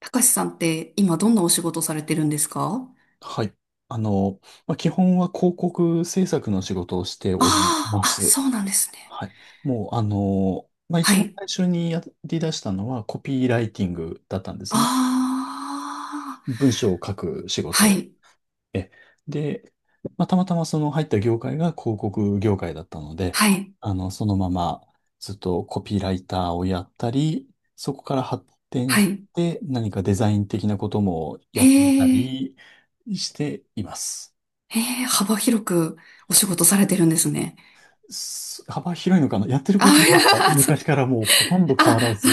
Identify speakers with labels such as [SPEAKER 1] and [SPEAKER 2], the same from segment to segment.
[SPEAKER 1] たかしさんって今どんなお仕事されてるんですか？
[SPEAKER 2] はい。あの、まあ、基本は広告制作の仕事をしており
[SPEAKER 1] あ
[SPEAKER 2] ま
[SPEAKER 1] あー、あ、
[SPEAKER 2] す。
[SPEAKER 1] そうなんですね。
[SPEAKER 2] はい。もう、まあ、
[SPEAKER 1] は
[SPEAKER 2] 一番
[SPEAKER 1] い。
[SPEAKER 2] 最初にやり出したのはコピーライティングだったんです
[SPEAKER 1] あ
[SPEAKER 2] ね。
[SPEAKER 1] あ、
[SPEAKER 2] 文章を書く仕
[SPEAKER 1] は
[SPEAKER 2] 事。
[SPEAKER 1] い、
[SPEAKER 2] え、で、まあ、たまたまその入った業界が広告業界だったので、
[SPEAKER 1] はい、
[SPEAKER 2] そのままずっとコピーライターをやったり、そこから発展
[SPEAKER 1] は
[SPEAKER 2] し
[SPEAKER 1] い。
[SPEAKER 2] て何かデザイン的なことも
[SPEAKER 1] へ
[SPEAKER 2] やってみた
[SPEAKER 1] え、
[SPEAKER 2] りしています。
[SPEAKER 1] へえ、幅広くお仕事されてるんですね。
[SPEAKER 2] 幅広いのかなやってること
[SPEAKER 1] あ、いや、
[SPEAKER 2] は
[SPEAKER 1] そ
[SPEAKER 2] 昔からもうほとんど変わら
[SPEAKER 1] あ、
[SPEAKER 2] ず、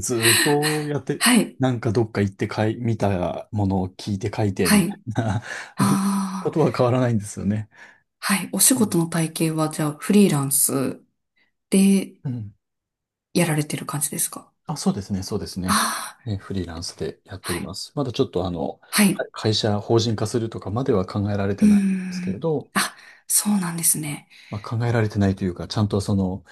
[SPEAKER 2] ずーっとやっ て、
[SPEAKER 1] はい、
[SPEAKER 2] なんかどっか行ってかい、見たものを聞いて書いて、
[SPEAKER 1] は
[SPEAKER 2] みたい
[SPEAKER 1] い。
[SPEAKER 2] な こ
[SPEAKER 1] ああ、
[SPEAKER 2] とは変わらないんですよね。
[SPEAKER 1] はい。お仕
[SPEAKER 2] うん
[SPEAKER 1] 事の体系はじゃあフリーランスで
[SPEAKER 2] うん。
[SPEAKER 1] やられてる感じですか？
[SPEAKER 2] あ、そうですね、そうですね。
[SPEAKER 1] ああー、
[SPEAKER 2] フリーランスでやっ
[SPEAKER 1] は
[SPEAKER 2] ており
[SPEAKER 1] い、
[SPEAKER 2] ます。まだちょっと
[SPEAKER 1] はい。
[SPEAKER 2] 会社法人化するとかまでは考えられて
[SPEAKER 1] うー
[SPEAKER 2] ないんですけれ
[SPEAKER 1] ん。
[SPEAKER 2] ど、
[SPEAKER 1] あ、そうなんですね。
[SPEAKER 2] まあ、考えられてないというか、ちゃんと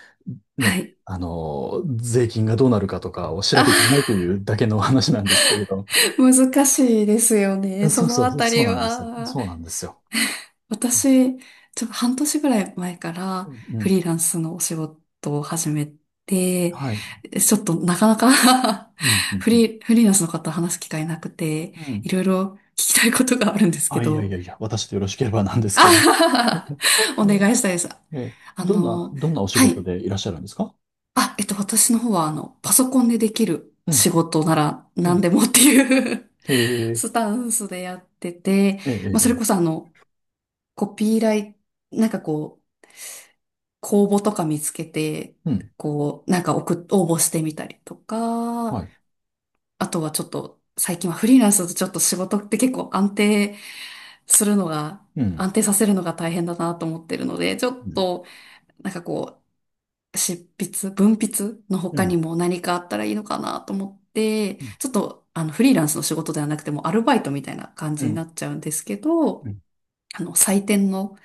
[SPEAKER 1] は
[SPEAKER 2] ね、
[SPEAKER 1] い。
[SPEAKER 2] 税金がどうなるかとかを調べてない
[SPEAKER 1] あ、
[SPEAKER 2] というだけの話なんですけれど。
[SPEAKER 1] 難しいですよ
[SPEAKER 2] そ
[SPEAKER 1] ね、そ
[SPEAKER 2] うそ
[SPEAKER 1] のあ
[SPEAKER 2] う、
[SPEAKER 1] た
[SPEAKER 2] そう
[SPEAKER 1] り
[SPEAKER 2] なんですよ。
[SPEAKER 1] は。
[SPEAKER 2] そうなんですよ。うん。
[SPEAKER 1] 私、ちょっと半年ぐらい前か
[SPEAKER 2] う
[SPEAKER 1] らフ
[SPEAKER 2] ん。
[SPEAKER 1] リーランスのお仕事を始めて、
[SPEAKER 2] はい。
[SPEAKER 1] ちょっとなかなか
[SPEAKER 2] うん。う ん。
[SPEAKER 1] フ
[SPEAKER 2] うん
[SPEAKER 1] リー、フリーランスの方話す機会なくて、
[SPEAKER 2] う
[SPEAKER 1] い
[SPEAKER 2] ん。
[SPEAKER 1] ろいろ聞きたいことがあるんですけ
[SPEAKER 2] あ、いやい
[SPEAKER 1] ど、
[SPEAKER 2] やいや、私でよろしければなんで す
[SPEAKER 1] あ
[SPEAKER 2] けど。
[SPEAKER 1] はは は。お願いしたいです。
[SPEAKER 2] え、
[SPEAKER 1] あ
[SPEAKER 2] どんな、
[SPEAKER 1] の、
[SPEAKER 2] どんなお仕
[SPEAKER 1] は
[SPEAKER 2] 事
[SPEAKER 1] い。
[SPEAKER 2] でいらっしゃるんですか？
[SPEAKER 1] あ、私の方は、あの、パソコンでできる
[SPEAKER 2] う
[SPEAKER 1] 仕
[SPEAKER 2] ん。
[SPEAKER 1] 事なら
[SPEAKER 2] う
[SPEAKER 1] 何
[SPEAKER 2] ん。
[SPEAKER 1] でもっていう
[SPEAKER 2] ええ、
[SPEAKER 1] スタンスでやってて、
[SPEAKER 2] ええ、
[SPEAKER 1] まあ、
[SPEAKER 2] え
[SPEAKER 1] それこそ
[SPEAKER 2] え、
[SPEAKER 1] あの、コピーライ、なんかこう、公募とか見つけて、
[SPEAKER 2] うん。
[SPEAKER 1] こう、なんか送っ、応募してみたりと
[SPEAKER 2] は
[SPEAKER 1] か、
[SPEAKER 2] い。
[SPEAKER 1] あとはちょっと、最近はフリーランスだとちょっと仕事って結構安定するのが、
[SPEAKER 2] うん。
[SPEAKER 1] 安定させるのが大変だなと思ってるので、ちょ
[SPEAKER 2] う
[SPEAKER 1] っ
[SPEAKER 2] ん。
[SPEAKER 1] と、なんかこう、執筆、文筆の
[SPEAKER 2] う
[SPEAKER 1] 他に
[SPEAKER 2] ん。
[SPEAKER 1] も何かあったらいいのかなと思って、ちょっと、あの、フリーランスの仕事ではなくてもアルバイトみたいな感
[SPEAKER 2] う
[SPEAKER 1] じにな
[SPEAKER 2] ん。
[SPEAKER 1] っちゃうんですけ
[SPEAKER 2] う
[SPEAKER 1] ど、
[SPEAKER 2] ん。
[SPEAKER 1] あの、採点の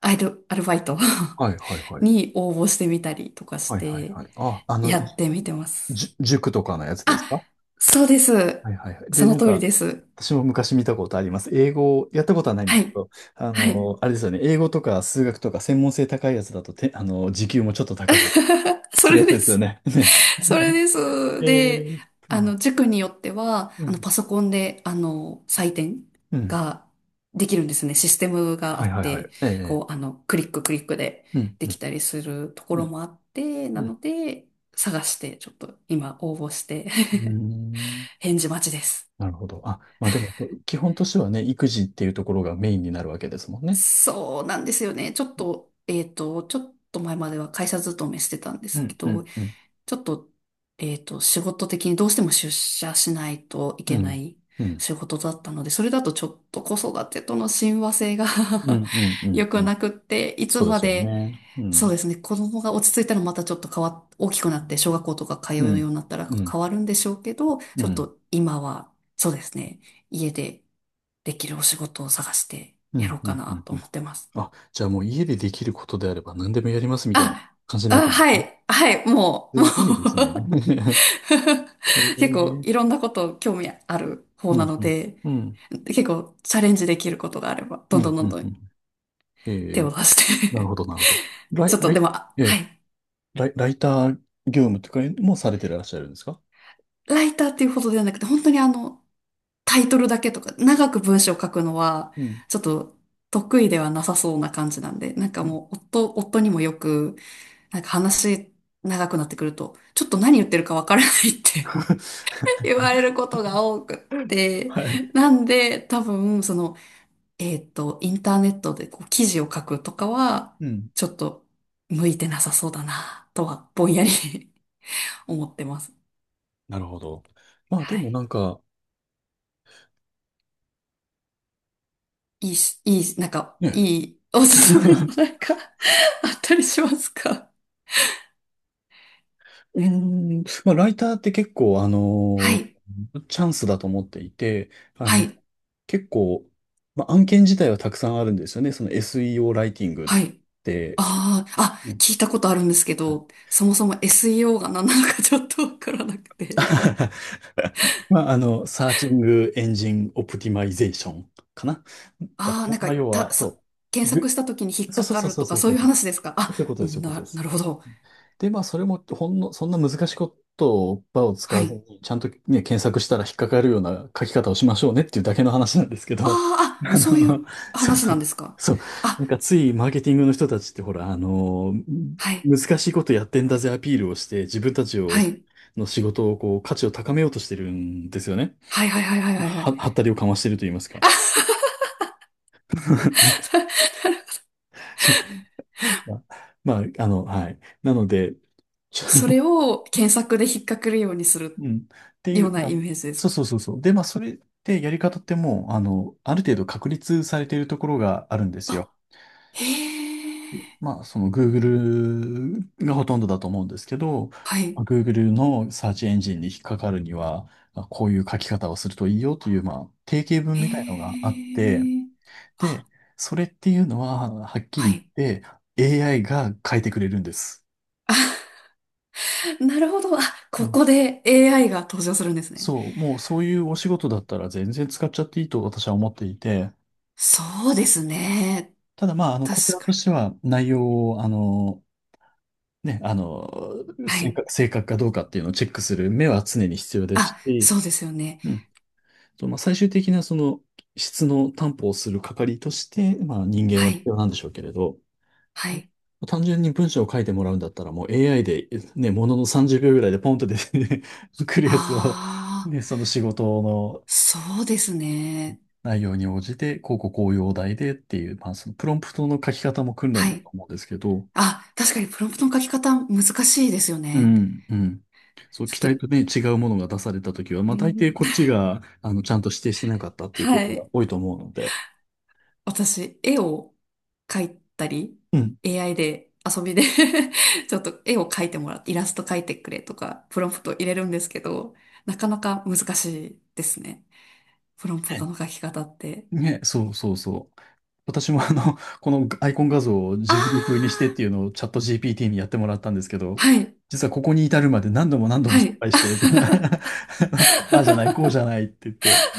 [SPEAKER 1] アルバイト
[SPEAKER 2] はいはいは い。
[SPEAKER 1] に応募してみたりとかし
[SPEAKER 2] はいはい
[SPEAKER 1] て、
[SPEAKER 2] はい。あ、
[SPEAKER 1] やってみてます。
[SPEAKER 2] 塾とかのやつです
[SPEAKER 1] あ、
[SPEAKER 2] か？
[SPEAKER 1] そうです。
[SPEAKER 2] はいはいはい。で、
[SPEAKER 1] そ
[SPEAKER 2] な
[SPEAKER 1] の
[SPEAKER 2] ん
[SPEAKER 1] 通り
[SPEAKER 2] か、
[SPEAKER 1] です。
[SPEAKER 2] 私も昔見たことあります。英語、やったことはないんで
[SPEAKER 1] は
[SPEAKER 2] すけ
[SPEAKER 1] い。
[SPEAKER 2] ど、
[SPEAKER 1] はい。
[SPEAKER 2] あれですよね。英語とか数学とか専門性高いやつだとて、時給もちょっと高く、
[SPEAKER 1] そ
[SPEAKER 2] するや
[SPEAKER 1] れ
[SPEAKER 2] つ
[SPEAKER 1] で
[SPEAKER 2] ですよ
[SPEAKER 1] す。
[SPEAKER 2] ね。ね。
[SPEAKER 1] それです。
[SPEAKER 2] え
[SPEAKER 1] で、
[SPEAKER 2] ー、う
[SPEAKER 1] あの、
[SPEAKER 2] ん、
[SPEAKER 1] 塾によっては、
[SPEAKER 2] う
[SPEAKER 1] あの、
[SPEAKER 2] ん、
[SPEAKER 1] パソコンで、あの、採点
[SPEAKER 2] うん。
[SPEAKER 1] ができるんですね。システムがあ
[SPEAKER 2] はい
[SPEAKER 1] っ
[SPEAKER 2] はいは
[SPEAKER 1] て、
[SPEAKER 2] い。ええ。
[SPEAKER 1] こう、あの、クリッククリックで
[SPEAKER 2] うん、
[SPEAKER 1] で
[SPEAKER 2] う
[SPEAKER 1] き
[SPEAKER 2] ん、
[SPEAKER 1] たりするとこ
[SPEAKER 2] う
[SPEAKER 1] ろ
[SPEAKER 2] ん、
[SPEAKER 1] もあって、
[SPEAKER 2] う
[SPEAKER 1] な
[SPEAKER 2] ん。
[SPEAKER 1] ので、探して、ちょっと今応募して
[SPEAKER 2] うーん。
[SPEAKER 1] 返事待ちです。
[SPEAKER 2] なるほど。あ、まあでも、基本としてはね、育児っていうところがメインになるわけですもんね。
[SPEAKER 1] そうなんですよね。ちょっと、ちょっと前までは会社勤めしてたんで
[SPEAKER 2] う
[SPEAKER 1] すけ
[SPEAKER 2] ん、う
[SPEAKER 1] ど、
[SPEAKER 2] ん、うん、
[SPEAKER 1] ちょっと、仕事的にどうしても出社しないとい
[SPEAKER 2] う
[SPEAKER 1] けな
[SPEAKER 2] ん、
[SPEAKER 1] い
[SPEAKER 2] うん、
[SPEAKER 1] 仕事だったので、それだとちょっと子育てとの親和性が
[SPEAKER 2] うん、うん、う ん。
[SPEAKER 1] 良
[SPEAKER 2] う
[SPEAKER 1] く
[SPEAKER 2] ん。
[SPEAKER 1] なくって、いつ
[SPEAKER 2] そうで
[SPEAKER 1] ま
[SPEAKER 2] すよ
[SPEAKER 1] で、
[SPEAKER 2] ね。う
[SPEAKER 1] そう
[SPEAKER 2] ん。
[SPEAKER 1] ですね、子供が落ち着いたらまたちょっと変わっ、大きくなって小学校とか通う
[SPEAKER 2] う
[SPEAKER 1] よう
[SPEAKER 2] ん。
[SPEAKER 1] になったら
[SPEAKER 2] うん。
[SPEAKER 1] 変わるんでしょうけど、
[SPEAKER 2] う
[SPEAKER 1] ちょっ
[SPEAKER 2] ん。
[SPEAKER 1] と今は、そうですね、家でできるお仕事を探して
[SPEAKER 2] う
[SPEAKER 1] やろ
[SPEAKER 2] ん。
[SPEAKER 1] う
[SPEAKER 2] うん。
[SPEAKER 1] か
[SPEAKER 2] う
[SPEAKER 1] な
[SPEAKER 2] ん
[SPEAKER 1] と
[SPEAKER 2] う
[SPEAKER 1] 思
[SPEAKER 2] ん。
[SPEAKER 1] ってます。
[SPEAKER 2] あ、じゃあもう家でできることであれば何でもやりますみたいな
[SPEAKER 1] あ、
[SPEAKER 2] 感じになって
[SPEAKER 1] あ、
[SPEAKER 2] るんで
[SPEAKER 1] は
[SPEAKER 2] すね。
[SPEAKER 1] い、はい、もう、も
[SPEAKER 2] す
[SPEAKER 1] う。
[SPEAKER 2] ごいですね。え
[SPEAKER 1] 結構
[SPEAKER 2] ー、
[SPEAKER 1] いろんなこと興味ある方
[SPEAKER 2] う
[SPEAKER 1] な
[SPEAKER 2] ん。
[SPEAKER 1] の
[SPEAKER 2] うん。
[SPEAKER 1] で、
[SPEAKER 2] うん。
[SPEAKER 1] 結構チャレンジできることがあれば、ど
[SPEAKER 2] う
[SPEAKER 1] んどん
[SPEAKER 2] ん。
[SPEAKER 1] ど
[SPEAKER 2] う
[SPEAKER 1] ん
[SPEAKER 2] ん。
[SPEAKER 1] ど
[SPEAKER 2] う
[SPEAKER 1] ん
[SPEAKER 2] ん。え
[SPEAKER 1] 手
[SPEAKER 2] ー、
[SPEAKER 1] を出し
[SPEAKER 2] なる
[SPEAKER 1] て
[SPEAKER 2] ほど、なるほど。ラ
[SPEAKER 1] ち
[SPEAKER 2] イ、
[SPEAKER 1] ょっと
[SPEAKER 2] ラ
[SPEAKER 1] で
[SPEAKER 2] イ、
[SPEAKER 1] も、あ
[SPEAKER 2] え
[SPEAKER 1] は
[SPEAKER 2] ー
[SPEAKER 1] い。
[SPEAKER 2] ライター業務とかもされてらっしゃるんですか？
[SPEAKER 1] ライターっていうほどではなくて、本当にあの、タイトルだけとか、長く文章を書くのは、
[SPEAKER 2] うん。
[SPEAKER 1] ちょっと得意ではなさそうな感じなんで、なんか
[SPEAKER 2] うん
[SPEAKER 1] もう、夫にもよく、なんか話長くなってくると、ちょっと何言ってるかわからないって 言われることが多くって、
[SPEAKER 2] はい。
[SPEAKER 1] なんで多分その、インターネットでこう記事を書くとかは、
[SPEAKER 2] うん。
[SPEAKER 1] ちょっと向いてなさそうだな、とはぼんやり 思ってます。
[SPEAKER 2] なるほど。まあで
[SPEAKER 1] は
[SPEAKER 2] もな
[SPEAKER 1] い。
[SPEAKER 2] んか、
[SPEAKER 1] いいし、いい、なんか、
[SPEAKER 2] ね。
[SPEAKER 1] いいおすすめの なんか あったりしますか？
[SPEAKER 2] うーん、まあ、ライターって結構、
[SPEAKER 1] はい。
[SPEAKER 2] チャンスだと思っていて、あ
[SPEAKER 1] は
[SPEAKER 2] の、
[SPEAKER 1] い。
[SPEAKER 2] 結構、まあ、案件自体はたくさんあるんですよね。その SEO ライティングっ
[SPEAKER 1] はい。
[SPEAKER 2] て。
[SPEAKER 1] ああ、あ、
[SPEAKER 2] うん。
[SPEAKER 1] 聞いたことあるんですけど、そもそも SEO が何なのかちょっとわからなくて。
[SPEAKER 2] まあ、サーチングエンジンオプティマイゼーションかな。だった
[SPEAKER 1] ああ、なん
[SPEAKER 2] ま
[SPEAKER 1] か、
[SPEAKER 2] あ、要
[SPEAKER 1] た、
[SPEAKER 2] は、
[SPEAKER 1] そ、
[SPEAKER 2] そう。
[SPEAKER 1] 検索した時に引っ
[SPEAKER 2] そう
[SPEAKER 1] か
[SPEAKER 2] そう
[SPEAKER 1] か
[SPEAKER 2] そう
[SPEAKER 1] る
[SPEAKER 2] そう
[SPEAKER 1] と
[SPEAKER 2] そ
[SPEAKER 1] か
[SPEAKER 2] う
[SPEAKER 1] そう
[SPEAKER 2] そ
[SPEAKER 1] い
[SPEAKER 2] う。
[SPEAKER 1] う
[SPEAKER 2] そ
[SPEAKER 1] 話ですか？
[SPEAKER 2] う
[SPEAKER 1] あ、
[SPEAKER 2] いうことです、そういうことで
[SPEAKER 1] な、な
[SPEAKER 2] す。
[SPEAKER 1] るほど。
[SPEAKER 2] で、まあ、それも、ほんの、そんな難しいことを、場を使
[SPEAKER 1] は
[SPEAKER 2] わず
[SPEAKER 1] い。
[SPEAKER 2] に、ちゃんとね、検索したら引っかかるような書き方をしましょうねっていうだけの話なんですけ
[SPEAKER 1] あ
[SPEAKER 2] ど、
[SPEAKER 1] あ、あ、
[SPEAKER 2] あ
[SPEAKER 1] そういう
[SPEAKER 2] の、そう
[SPEAKER 1] 話
[SPEAKER 2] そ
[SPEAKER 1] なん
[SPEAKER 2] う、
[SPEAKER 1] ですか？
[SPEAKER 2] そう、な
[SPEAKER 1] あ、
[SPEAKER 2] んかついマーケティングの人たちって、ほら、
[SPEAKER 1] はい。
[SPEAKER 2] 難しいことやってんだぜアピールをして、自分たちを
[SPEAKER 1] はい。
[SPEAKER 2] の仕事をこう価値を高めようとしてるんですよね。
[SPEAKER 1] はいはいはいはいはいはい。
[SPEAKER 2] はったりをかましてると言いますか。
[SPEAKER 1] あ、
[SPEAKER 2] そうまあ、まあはい。なので、ちょ
[SPEAKER 1] それを検索で引っかけるようにす
[SPEAKER 2] う
[SPEAKER 1] る
[SPEAKER 2] ん。ってい
[SPEAKER 1] よう
[SPEAKER 2] う、
[SPEAKER 1] な
[SPEAKER 2] ま
[SPEAKER 1] イ
[SPEAKER 2] あ、
[SPEAKER 1] メージです
[SPEAKER 2] そう
[SPEAKER 1] か？
[SPEAKER 2] そうそうそう。で、まあ、それってやり方ってもう、ある程度確立されているところがあるんですよ。
[SPEAKER 1] あ、へ
[SPEAKER 2] で
[SPEAKER 1] え。
[SPEAKER 2] まあ、その Google がほとんどだと思うんですけど、
[SPEAKER 1] は
[SPEAKER 2] まあ
[SPEAKER 1] い。
[SPEAKER 2] Google のサーチエンジンに引っかかるには、まあこういう書き方をするといいよという、まあ、定型文
[SPEAKER 1] へ
[SPEAKER 2] みたいのがあって、
[SPEAKER 1] え。あ、
[SPEAKER 2] で、それっていうのは、はっき
[SPEAKER 1] は
[SPEAKER 2] り
[SPEAKER 1] い。
[SPEAKER 2] 言って AI が変えてくれるんです。
[SPEAKER 1] なるほど。あ、
[SPEAKER 2] う
[SPEAKER 1] こ
[SPEAKER 2] ん。
[SPEAKER 1] こで AI が登場するんですね。
[SPEAKER 2] そう、もうそういうお仕事だったら全然使っちゃっていいと私は思っていて、
[SPEAKER 1] そうですね。
[SPEAKER 2] ただまあ、こち
[SPEAKER 1] 確
[SPEAKER 2] らと
[SPEAKER 1] かに。
[SPEAKER 2] しては内容を、ね、
[SPEAKER 1] は
[SPEAKER 2] 正
[SPEAKER 1] い。
[SPEAKER 2] 確、正確かどうかっていうのをチェックする目は常に必要です
[SPEAKER 1] あ、そ
[SPEAKER 2] し、
[SPEAKER 1] うですよね。
[SPEAKER 2] うん。そうまあ、最終的なその質の担保をする係として、まあ人間
[SPEAKER 1] は
[SPEAKER 2] は必
[SPEAKER 1] い。
[SPEAKER 2] 要なんでしょうけれど、
[SPEAKER 1] はい。
[SPEAKER 2] 単純に文章を書いてもらうんだったら、もう AI で、ね、ものの30秒ぐらいでポンと出て、ね、来るやつを、
[SPEAKER 1] ああ、
[SPEAKER 2] ね、その仕事の
[SPEAKER 1] そうですね。
[SPEAKER 2] 内容に応じて、こうこうこういうお題でっていう、まあ、そのプロンプトの書き方も訓練
[SPEAKER 1] は
[SPEAKER 2] だと
[SPEAKER 1] い。
[SPEAKER 2] 思うんですけど、
[SPEAKER 1] あ、確かにプロンプトの書き方難しいですよ
[SPEAKER 2] う
[SPEAKER 1] ね。
[SPEAKER 2] ん、うん。そう、
[SPEAKER 1] ち
[SPEAKER 2] 期
[SPEAKER 1] ょっ
[SPEAKER 2] 待
[SPEAKER 1] と、
[SPEAKER 2] とね、違うものが出されたときは、
[SPEAKER 1] う
[SPEAKER 2] まあ、大抵
[SPEAKER 1] ん、
[SPEAKER 2] こっちが、ちゃんと指定してなかったっていうこ
[SPEAKER 1] は
[SPEAKER 2] とが
[SPEAKER 1] い。
[SPEAKER 2] 多いと思うので、
[SPEAKER 1] 私、絵を描いたり、
[SPEAKER 2] うん。
[SPEAKER 1] AI で遊びで ちょっと絵を描いてもらって、イラスト描いてくれとか、プロンプト入れるんですけど、なかなか難しいですね、プロンプト
[SPEAKER 2] ね
[SPEAKER 1] の書き方って。
[SPEAKER 2] ね、そうそうそう。私もこのアイコン画像をジ
[SPEAKER 1] あ
[SPEAKER 2] ブリ風にし
[SPEAKER 1] あ、
[SPEAKER 2] てっていうのをチャット GPT にやってもらったんですけど、
[SPEAKER 1] はい、
[SPEAKER 2] 実はここに至るまで何度も何度も
[SPEAKER 1] は
[SPEAKER 2] 失
[SPEAKER 1] い。
[SPEAKER 2] 敗して、ああじゃない、こう じゃないって言って、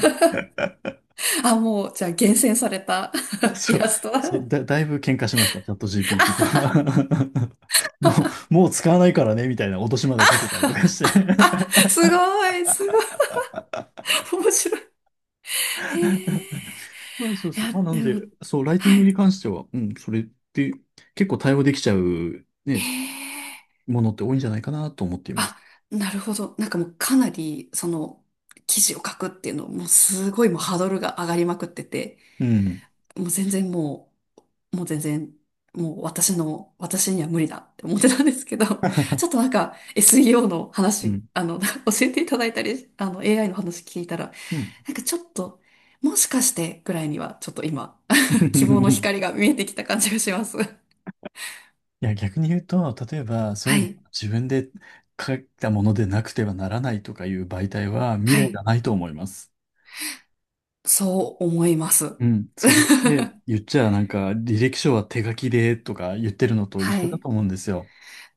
[SPEAKER 1] あ、もう、じゃあ厳選された イ
[SPEAKER 2] そう、
[SPEAKER 1] ラストだ。
[SPEAKER 2] そうだ、だいぶ喧嘩しました、チャット
[SPEAKER 1] あ、
[SPEAKER 2] GPT と。も う、もう使わないからね、みたいな脅しまでかけたりとかし
[SPEAKER 1] あ、
[SPEAKER 2] て。
[SPEAKER 1] すごい、すごい、面白い。へえ。
[SPEAKER 2] まあ、そう
[SPEAKER 1] い
[SPEAKER 2] そう。
[SPEAKER 1] や、
[SPEAKER 2] まあ、な
[SPEAKER 1] で
[SPEAKER 2] ん
[SPEAKER 1] も、
[SPEAKER 2] で、そう、ライティン
[SPEAKER 1] は
[SPEAKER 2] グ
[SPEAKER 1] い。
[SPEAKER 2] に関しては、うん、それって結構対応できちゃう、
[SPEAKER 1] へ
[SPEAKER 2] ね、
[SPEAKER 1] え。
[SPEAKER 2] ものって多いんじゃないかなと思っています。
[SPEAKER 1] あ、なるほど。なんかもうかなり、その、記事を書くっていうの、もうすごいもうハードルが上がりまくってて、
[SPEAKER 2] うん。
[SPEAKER 1] もう全然もう、もう全然、もう私の、私には無理だって思ってたんですけど、ちょっ となんか SEO の
[SPEAKER 2] う
[SPEAKER 1] 話、
[SPEAKER 2] ん。
[SPEAKER 1] あの、教えていただいたり、あの、AI の話聞いたら、
[SPEAKER 2] うん。
[SPEAKER 1] なんかちょっと、もしかしてぐらいには、ちょっと今、希望の光 が見えてきた感じがします。
[SPEAKER 2] いや、逆に言うと、例えば、そう
[SPEAKER 1] は
[SPEAKER 2] いうの
[SPEAKER 1] い、
[SPEAKER 2] 自分で書いたものでなくてはならないとかいう媒体は未
[SPEAKER 1] は
[SPEAKER 2] 来が
[SPEAKER 1] い、
[SPEAKER 2] ないと思います。
[SPEAKER 1] そう思います。
[SPEAKER 2] うん。それって 言っちゃなんか、履歴書は手書きでとか言ってるのと
[SPEAKER 1] は
[SPEAKER 2] 一緒だ
[SPEAKER 1] い。
[SPEAKER 2] と思うんですよ。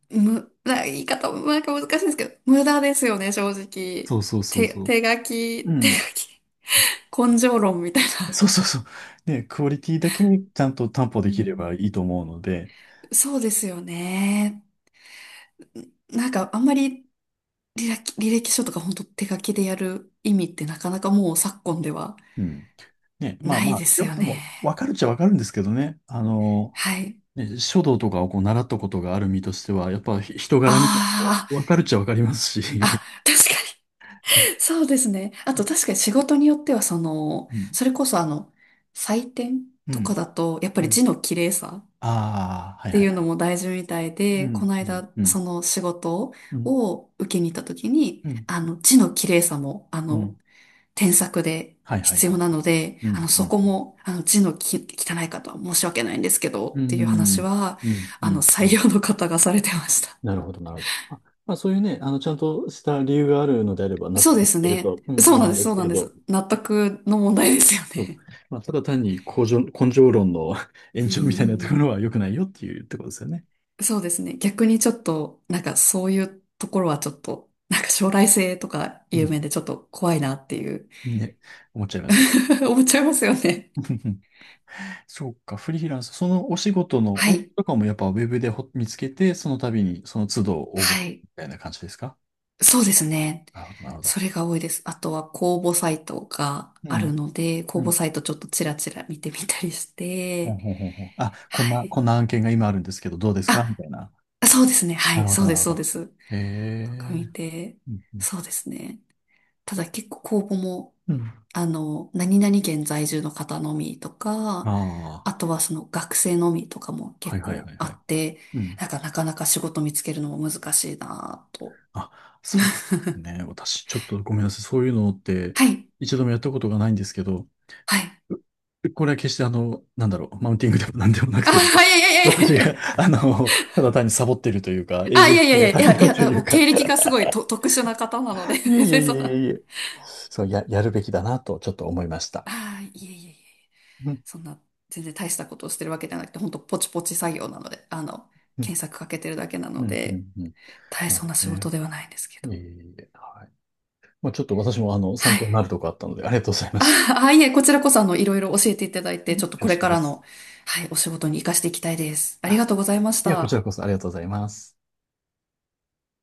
[SPEAKER 1] む、な、言い方もなんか難しいんですけど、無駄ですよね、正直。
[SPEAKER 2] そうそうそう
[SPEAKER 1] 手、
[SPEAKER 2] そう。
[SPEAKER 1] 手書き、
[SPEAKER 2] う
[SPEAKER 1] 手
[SPEAKER 2] ん。
[SPEAKER 1] 書き。根性論みたいな。
[SPEAKER 2] そうそうそう。ね、クオリティだけにちゃんと担保
[SPEAKER 1] う
[SPEAKER 2] できれば
[SPEAKER 1] ん。
[SPEAKER 2] いいと思うので、
[SPEAKER 1] そうですよね。なんかあんまり履歴書とか本当手書きでやる意味ってなかなかもう昨今では
[SPEAKER 2] うん。ね、まあ
[SPEAKER 1] ない
[SPEAKER 2] まあ、
[SPEAKER 1] です
[SPEAKER 2] 良
[SPEAKER 1] よ
[SPEAKER 2] さ
[SPEAKER 1] ね。
[SPEAKER 2] もわかるっちゃわかるんですけどね。
[SPEAKER 1] はい。
[SPEAKER 2] ね、書道とかをこう習ったことがある身としては、やっぱ人柄みたいなのも
[SPEAKER 1] あ
[SPEAKER 2] わかるっちゃわかります
[SPEAKER 1] あ、
[SPEAKER 2] し。
[SPEAKER 1] あ、確か
[SPEAKER 2] そう。
[SPEAKER 1] に。そうですね。あと確かに仕事によってはその、
[SPEAKER 2] うん。
[SPEAKER 1] それこそあの、採点
[SPEAKER 2] う
[SPEAKER 1] とか
[SPEAKER 2] ん。
[SPEAKER 1] だと、やっぱ
[SPEAKER 2] う
[SPEAKER 1] り
[SPEAKER 2] ん。
[SPEAKER 1] 字の綺麗さ
[SPEAKER 2] ああ、
[SPEAKER 1] っ
[SPEAKER 2] はい
[SPEAKER 1] て
[SPEAKER 2] はいは
[SPEAKER 1] いうの
[SPEAKER 2] い。
[SPEAKER 1] も大事みたい
[SPEAKER 2] う
[SPEAKER 1] で、こ
[SPEAKER 2] ん。
[SPEAKER 1] の
[SPEAKER 2] うん。
[SPEAKER 1] 間、
[SPEAKER 2] うん。
[SPEAKER 1] その仕事
[SPEAKER 2] うん。
[SPEAKER 1] を受けに行った時に、
[SPEAKER 2] うん。
[SPEAKER 1] あの、字の綺麗さも、あ
[SPEAKER 2] う
[SPEAKER 1] の、
[SPEAKER 2] ん。
[SPEAKER 1] 添削で
[SPEAKER 2] はいはい
[SPEAKER 1] 必
[SPEAKER 2] はいは
[SPEAKER 1] 要
[SPEAKER 2] い。
[SPEAKER 1] なので、
[SPEAKER 2] う
[SPEAKER 1] あの、
[SPEAKER 2] ん。う
[SPEAKER 1] そ
[SPEAKER 2] ん。
[SPEAKER 1] こも、あの、字のき汚い方は申し訳ないんですけど、
[SPEAKER 2] う
[SPEAKER 1] っていう話
[SPEAKER 2] ん。
[SPEAKER 1] は、
[SPEAKER 2] うん。う
[SPEAKER 1] あの、
[SPEAKER 2] ん。う
[SPEAKER 1] 採
[SPEAKER 2] ん。
[SPEAKER 1] 用の方がされてました。
[SPEAKER 2] なるほど、なるほど。あ、まあそういうね、ちゃんとした理由があるのであれば納
[SPEAKER 1] そ
[SPEAKER 2] 得
[SPEAKER 1] うで
[SPEAKER 2] で
[SPEAKER 1] す
[SPEAKER 2] きる
[SPEAKER 1] ね。
[SPEAKER 2] と、うん、
[SPEAKER 1] そう
[SPEAKER 2] 思
[SPEAKER 1] なん
[SPEAKER 2] うん
[SPEAKER 1] です、
[SPEAKER 2] で
[SPEAKER 1] そ
[SPEAKER 2] す
[SPEAKER 1] う
[SPEAKER 2] け
[SPEAKER 1] なん
[SPEAKER 2] れ
[SPEAKER 1] で
[SPEAKER 2] ど、
[SPEAKER 1] す。納得の問題ですよ
[SPEAKER 2] そう
[SPEAKER 1] ね。
[SPEAKER 2] まあ、ただ単に根性、根性論の 延
[SPEAKER 1] う
[SPEAKER 2] 長みたいなとこ
[SPEAKER 1] ん、
[SPEAKER 2] ろは良くないよっていうところですよね。
[SPEAKER 1] そうですね。逆にちょっと、なんかそういうところはちょっと、なんか将来性とか
[SPEAKER 2] う
[SPEAKER 1] 有名
[SPEAKER 2] ん。
[SPEAKER 1] でちょっと怖いなっていう
[SPEAKER 2] ね、思っちゃいます。
[SPEAKER 1] 思っちゃいますよね。
[SPEAKER 2] そうか、フリーランス、そのお仕事の
[SPEAKER 1] は
[SPEAKER 2] 応募
[SPEAKER 1] い。
[SPEAKER 2] とかもやっぱウェブで見つけて、その度にその都度応
[SPEAKER 1] は
[SPEAKER 2] 募
[SPEAKER 1] い。
[SPEAKER 2] みたいな感じですか？
[SPEAKER 1] そうですね。
[SPEAKER 2] なるほど、なるほ
[SPEAKER 1] そ
[SPEAKER 2] ど。
[SPEAKER 1] れが多いです。あとは公募サイトが
[SPEAKER 2] う
[SPEAKER 1] ある
[SPEAKER 2] ん、
[SPEAKER 1] ので、
[SPEAKER 2] う
[SPEAKER 1] 公募
[SPEAKER 2] ん。
[SPEAKER 1] サイトちょっとちらちら見てみたりし
[SPEAKER 2] ほん
[SPEAKER 1] て、
[SPEAKER 2] ほんほんほん。あ、こん
[SPEAKER 1] は
[SPEAKER 2] な、
[SPEAKER 1] い。
[SPEAKER 2] こんな案件が今あるんですけど、どうですかみ
[SPEAKER 1] あ、
[SPEAKER 2] たいな。
[SPEAKER 1] そうですね。は
[SPEAKER 2] な
[SPEAKER 1] い。
[SPEAKER 2] るほ
[SPEAKER 1] そ
[SPEAKER 2] ど、
[SPEAKER 1] う
[SPEAKER 2] な
[SPEAKER 1] で
[SPEAKER 2] る
[SPEAKER 1] す、
[SPEAKER 2] ほ
[SPEAKER 1] そう
[SPEAKER 2] ど。
[SPEAKER 1] です。
[SPEAKER 2] へえ。
[SPEAKER 1] とか見て、
[SPEAKER 2] うん、うん。
[SPEAKER 1] そうですね。ただ結構公募も、
[SPEAKER 2] うん。
[SPEAKER 1] あの、何々県在住の方のみとか、あ
[SPEAKER 2] あ
[SPEAKER 1] とはその学生のみとかも
[SPEAKER 2] あ、は
[SPEAKER 1] 結
[SPEAKER 2] いはいは
[SPEAKER 1] 構
[SPEAKER 2] い
[SPEAKER 1] あ
[SPEAKER 2] はい。
[SPEAKER 1] って、
[SPEAKER 2] うん。
[SPEAKER 1] なんかなかなか仕事見つけるのも難しいなぁと。
[SPEAKER 2] あ、そうですね。私、ちょっとごめんなさい。そういうのって、
[SPEAKER 1] はい
[SPEAKER 2] 一度もやったことがないんですけど、
[SPEAKER 1] はい。
[SPEAKER 2] これは決してなんだろう、マウンティングでもなんでもなく
[SPEAKER 1] あ、
[SPEAKER 2] て、
[SPEAKER 1] いやいやい
[SPEAKER 2] 私
[SPEAKER 1] やい
[SPEAKER 2] が、
[SPEAKER 1] や。
[SPEAKER 2] ただ単にサボってるというか、
[SPEAKER 1] あ、
[SPEAKER 2] 営
[SPEAKER 1] い
[SPEAKER 2] 業
[SPEAKER 1] やいやい
[SPEAKER 2] 性
[SPEAKER 1] や
[SPEAKER 2] が
[SPEAKER 1] い
[SPEAKER 2] 足り
[SPEAKER 1] や、い
[SPEAKER 2] ないと
[SPEAKER 1] や、
[SPEAKER 2] い
[SPEAKER 1] も
[SPEAKER 2] う
[SPEAKER 1] う
[SPEAKER 2] か、
[SPEAKER 1] 経歴がすごいと特殊な方なので
[SPEAKER 2] いえい
[SPEAKER 1] で、
[SPEAKER 2] えいえ
[SPEAKER 1] そんな、
[SPEAKER 2] いえいえ、そう、やるべきだなとちょっと思いました。
[SPEAKER 1] あ、いやいやいやいや、
[SPEAKER 2] うん、
[SPEAKER 1] そんな、全然大したことをしてるわけじゃなくて、ほんとポチポチ作業なので、あの、
[SPEAKER 2] うん、
[SPEAKER 1] 検索かけてるだけな
[SPEAKER 2] う
[SPEAKER 1] の
[SPEAKER 2] ん、う
[SPEAKER 1] で、
[SPEAKER 2] んうん。
[SPEAKER 1] 大
[SPEAKER 2] なる
[SPEAKER 1] 層
[SPEAKER 2] ほ
[SPEAKER 1] な
[SPEAKER 2] ど
[SPEAKER 1] 仕
[SPEAKER 2] ね。
[SPEAKER 1] 事ではないんですけ
[SPEAKER 2] い
[SPEAKER 1] ど。
[SPEAKER 2] えいえいえ、はい。まあ、ちょっと私も参
[SPEAKER 1] はい。
[SPEAKER 2] 考になるとこあったので、ありがとうございました。
[SPEAKER 1] あ、あ、いえ、こちらこそ、あの、いろいろ教えていただいて、ちょっと
[SPEAKER 2] 恐
[SPEAKER 1] これ
[SPEAKER 2] 縮
[SPEAKER 1] か
[SPEAKER 2] で
[SPEAKER 1] ら
[SPEAKER 2] す。
[SPEAKER 1] の、はい、お仕事に活かしていきたいです。ありが
[SPEAKER 2] あ、
[SPEAKER 1] とうございまし
[SPEAKER 2] いや、こち
[SPEAKER 1] た。
[SPEAKER 2] らこそありがとうございます。